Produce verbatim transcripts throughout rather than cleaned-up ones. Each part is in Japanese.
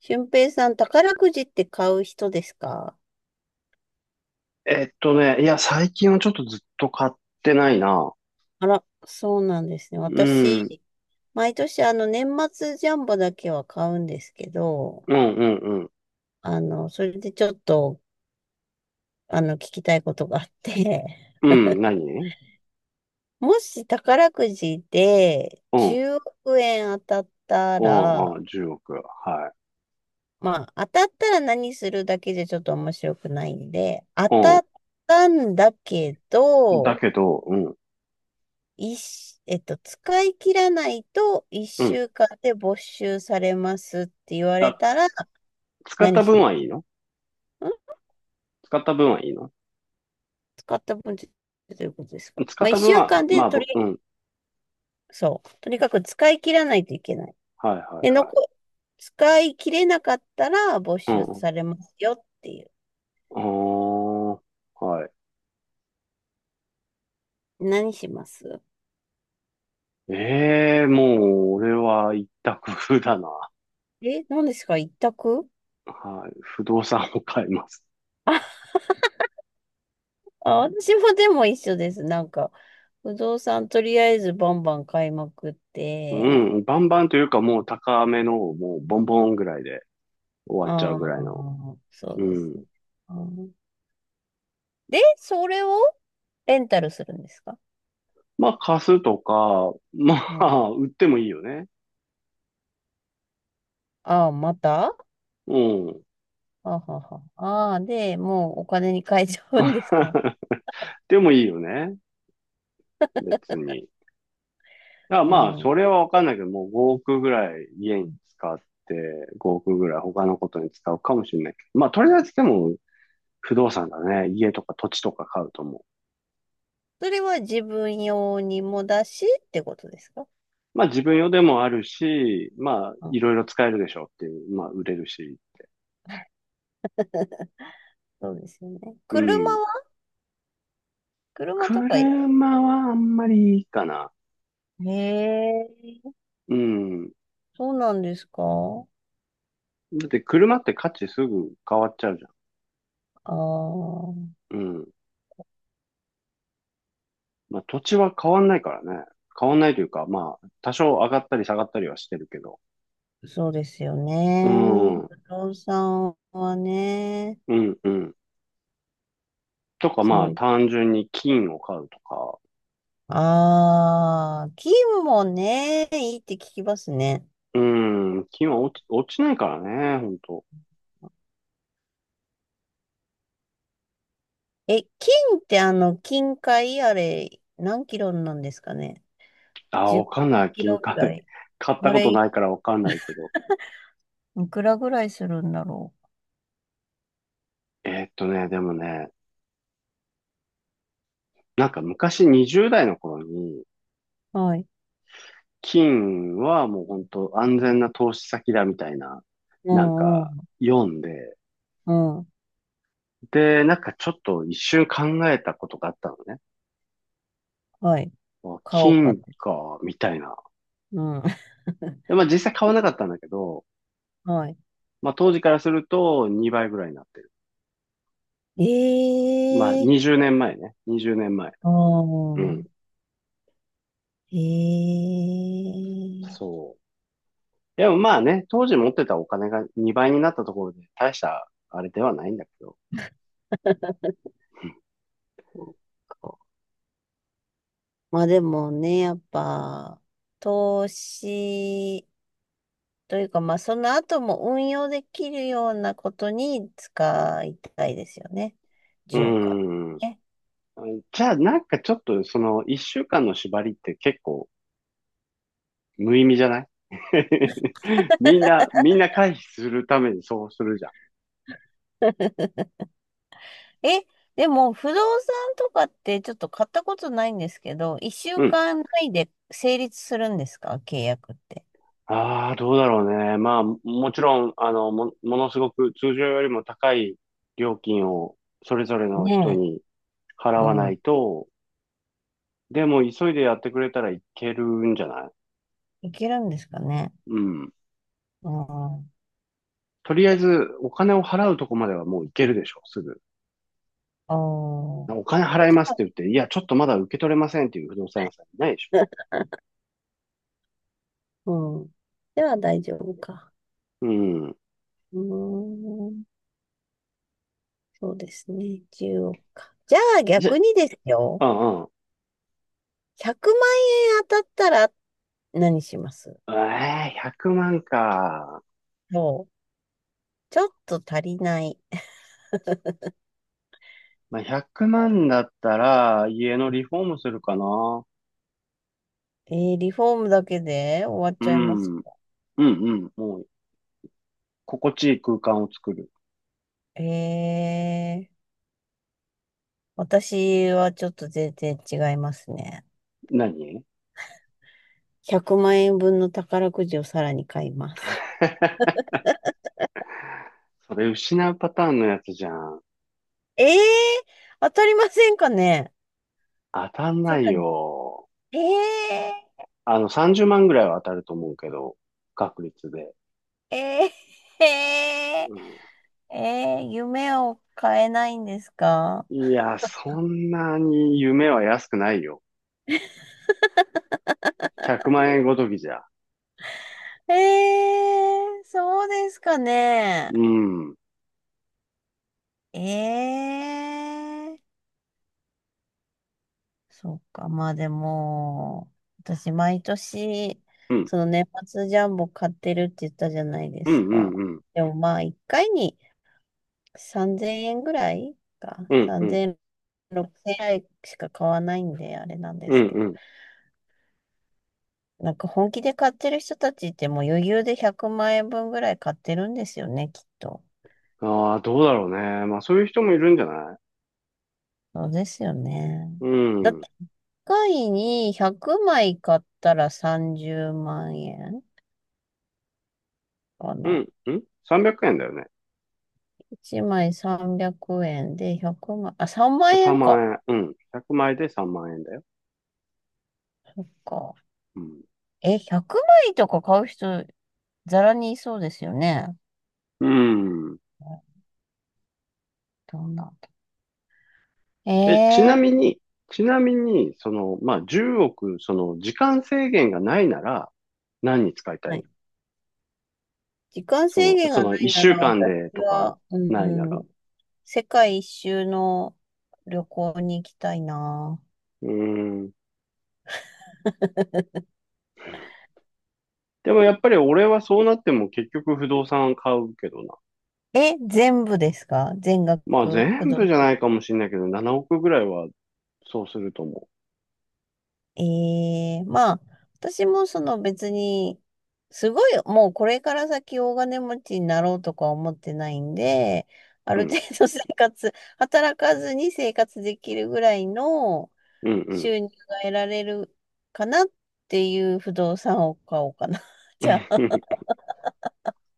俊平さん、宝くじって買う人ですか？えっとね、いや、最近はちょっとずっと買ってないな。あら、そうなんですね。うん、うん、私、毎年あの年末ジャンボだけは買うんですけど、うん、うん。あの、それでちょっと、あの、聞きたいことがあって、うん、何？ もし宝くじでうん、うんじゅうおく円当たったうら、ん、じゅうおく。はまあ、当たったら何するだけじゃちょっと面白くないんで、当たい。ったんだけうん。だど、けど、うん、一し、えっと、使い切らないとう1ん。週間で没収されますって言われあ、たつ、ら、使っ何たし分まはいいの？すん。使った分はいいの？使った分ってどういうことですか？使まっあ、た分1週は、間まであ、とり、ぼうん。そう。とにかく使い切らないといけない。はい、はで、い、は残、い。使い切れなかったら没うん、収うん。されますよっていう。あー、はい。何します？ええー、もう、俺は一択だな。え、何ですか？一択？はい。不動産を買います。あ、あ、私もでも一緒です。なんか、不動産とりあえずバンバン買いまくっうて、ん、バンバンというか、もう高めの、もうボンボンぐらいで。終わっちゃあうあ、ぐらいの。そううですん。ね。うん。で、それをレンタルするんですか？まあ、貸すとか、まうん。あ、売ってもいいよね。ああ、また。うん。あはは。ああ、で、もうお金に変えちゃうんですか？ でもいいよね。別に。だからうまあ、そん。れはわかんないけど、もうごおくぐらい家に使って、ごおくぐらい他のことに使うかもしれないけど。まあ、とりあえずでも、不動産だね。家とか土地とか買うと思う。それは自分用にもだしってことですか？まあ、自分用でもあるし、まあ、あ、いろいろ使えるでしょうっていう。まあ、売れるし。そうですよね。う車ん。は？車とかいら。車はあんまりいいかな。へえ、うん。そうなんですか？だって車って価値すぐ変わっちゃうじゃああ、ん。うん。まあ土地は変わんないからね。変わんないというか、まあ多少上がったり下がったりはしてるけど。そうですようね。ん。う不動産はね、んうん。とか強まあい。単純に金を買うとか。ああ、金もね、いいって聞きますね。うん。金は落ち、落ちないからね、ほんと。え、金ってあの、金塊あれ、何キロなんですかね？ あー、わ じゅっ かんない。キ金ロぐ買い。ら い。買ったあこれ、といないからわかんないけど。くらぐらいするんだろえーっとね、でもね、なんか昔にじゅうだい代の頃に、う。はい。金はもうほんと安全な投資先だみたいな、うなんんうかん。読んで、うん。で、なんかちょっと一瞬考えたことがあったのね。はい。まあ買おうかっ金て。か、みたいな。うん。で、まあ実際買わなかったんだけど、はい。まあ当時からするとにばいぐらいになってる。まあええにじゅうねんまえねんまえね。にじゅうねんまえ。ー。ああ。うん。ええー。そう。でもまあね、当時持ってたお金がにばいになったところで大したあれではないんだけど。そっか。まあでもね、やっぱ、投資、というか、まあ、その後も運用できるようなことに使いたいですよね。うーじゅうおくはん。ね。じゃあなんかちょっとそのいっしゅうかんの縛りって結構無意味じゃない？ みんな、みんな回避するためにそうするじゃん。え、でも、不動産とかってちょっと買ったことないんですけど、1う週ん、間単で成立するんですか、契約って？ああ、どうだろうね。まあ、ももちろん、あの、も、ものすごく通常よりも高い料金をそれぞれの人ねえ。に払わうないん。と、でも急いでやってくれたらいけるんじゃない？いけるんですかね。うん。うん。とりあえず、お金を払うとこまではもういけるでしょ、すぐ。おー。お金払いでますっは、て言って、いや、ちょっとまだ受け取れませんっていう不動産屋さんいないでしょ。うん。では大丈夫か。うん。うーん。そうですね。じゅうおくか。じゃあじゃ、逆にですよ。うんうん。ひゃくまん円当たったら何します？ええ、ひゃくまんか。そう。ちょっと足りない。まあ、ひゃくまんだったら、家のリフォームするかな。えー、リフォームだけで終わっうちゃいます？ん。うんうん。もう、心地いい空間を作る。えー、私はちょっと全然違いますね。何？ひゃくまん円分の宝くじをさらに買います。それ失うパターンのやつじゃん。えー、当たりませんかね、当たんさないらに？よ。えあの、さんじゅうまんぐらいは当たると思うけど、確率で。ー、えー、えうー、えー、夢を変えないんですか？ん、いや、そんなに夢は安くないよ。ひゃくまん円ごときじゃ。えー、そうですかね。うん。うん。ええー、そっか。まあでも、私毎年、うんその年末ジャンボ買ってるって言ったじゃないでうんすか。うん。でもまあ一回にさんぜんえんぐらいか。うん。うん。さんぜん、ろく れい ぜろえんぐらいしか買わないんで、あれなんでうすん。けど。うん、なんか本気で買ってる人たちってもう余裕でひゃくまん円分ぐらい買ってるんですよね、きっと。ああー、どうだろうね。まあ、そういう人もいるんじゃない？そうですよね。うだっん。ていっかいにひゃくまい買ったらさんじゅうまん円。かうな。ん。うん ?さんびゃく 円だよね。いちまいさんびゃくえんでひゃくまい、あ、さんまん3円万か。円。うん。ひゃくまいでさんまん円だよ。か。うん。え、ひゃくまいとか買う人、ざらにいそうですよね。うん。どんな。え、ちえなみえ、に、ちなみに、その、まあ、じゅうおく、その、時間制限がないなら、何に使いたいはの？い。時間そ制の、限そがの、ない1な週ら、間私でとか、は、うないなら。ん、世界一周の旅行に行きたいな。うん。でもやっぱり俺はそうなっても結局不動産買うけどな。え、全部ですか？全まあ、額不全動部じゃ産？ないかもしれないけど、ななおくぐらいは、そうすると思ええ、まあ、私もその別に、すごい、もうこれから先大金持ちになろうとか思ってないんで、あう。うる程ん。度生活、働かずに生活できるぐらいのうん、うん。収入が得られるかなっていう不動産を買おうかな。じゃあ、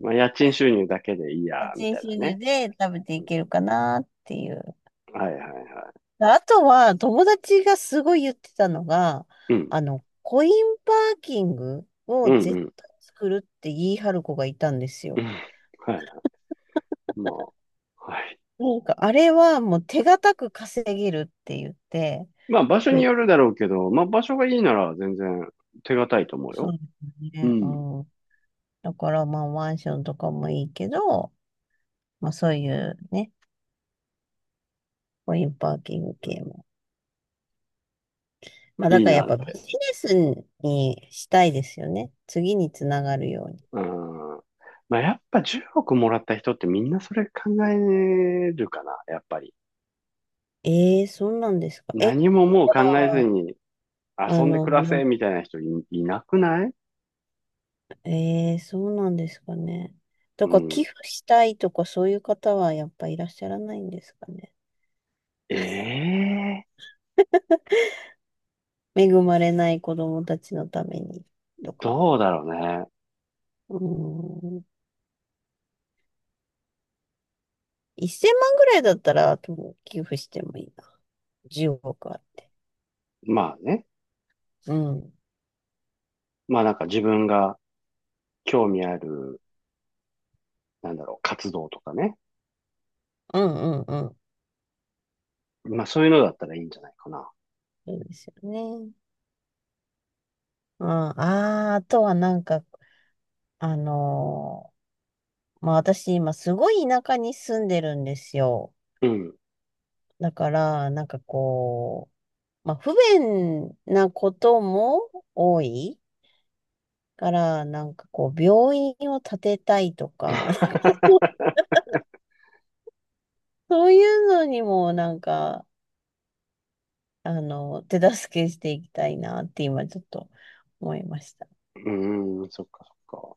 まあ、家賃収入だけでいい家や、み賃たいな収ね。入で食べていけるかなっていう。はいはいはあとは、友達がすごい言ってたのが、い。うん。あの、コインパーキングをうん、う絶ん。対作るって言い張る子がいたんですうん、よ。はいはい。まあ、はい。なんか、あれはもう手堅く稼げるって言って、まあ場所にへ、よるだろうけど、まあ場所がいいなら全然手堅いと思うそうよ。ですうね。うん。ん。だから、まあ、マンションとかもいいけど、まあ、そういうね、コインパーキング系も。まあ、だいいからやっなっぱビて。ジネスにしたいですよね。次につながるように。うん。まあやっぱじゅうおくもらった人ってみんなそれ考えるかな、やっぱり。ええー、そうなんですか。え、じ何ももう考えゃずあにあ遊んでの、暮らなせみたいな人い、いなくない？えー、そうなんですかね？うとか、寄ん。付したいとか、そういう方はやっぱいらっしゃらないんですかね。ええー、恵まれない子供たちのためにとか。どうだろうね。うーん。せんまんぐらいだったら、とも寄付してもいいな。じゅうおくあって。まあね。うん。うんまあなんか自分が興味ある、なんだろう、活動とかね。うんうん。まあそういうのだったらいいんじゃないかな。そうですよね。うん、ああ、あとはなんか、あのーまあ私今すごい田舎に住んでるんですよ。うん。だから、なんかこまあ、不便なことも多いから、なんかこう、病院を建てたいとか、そういうのにもなんか、あの、手助けしていきたいなって今ちょっと思いました。うーん、そっかそっか。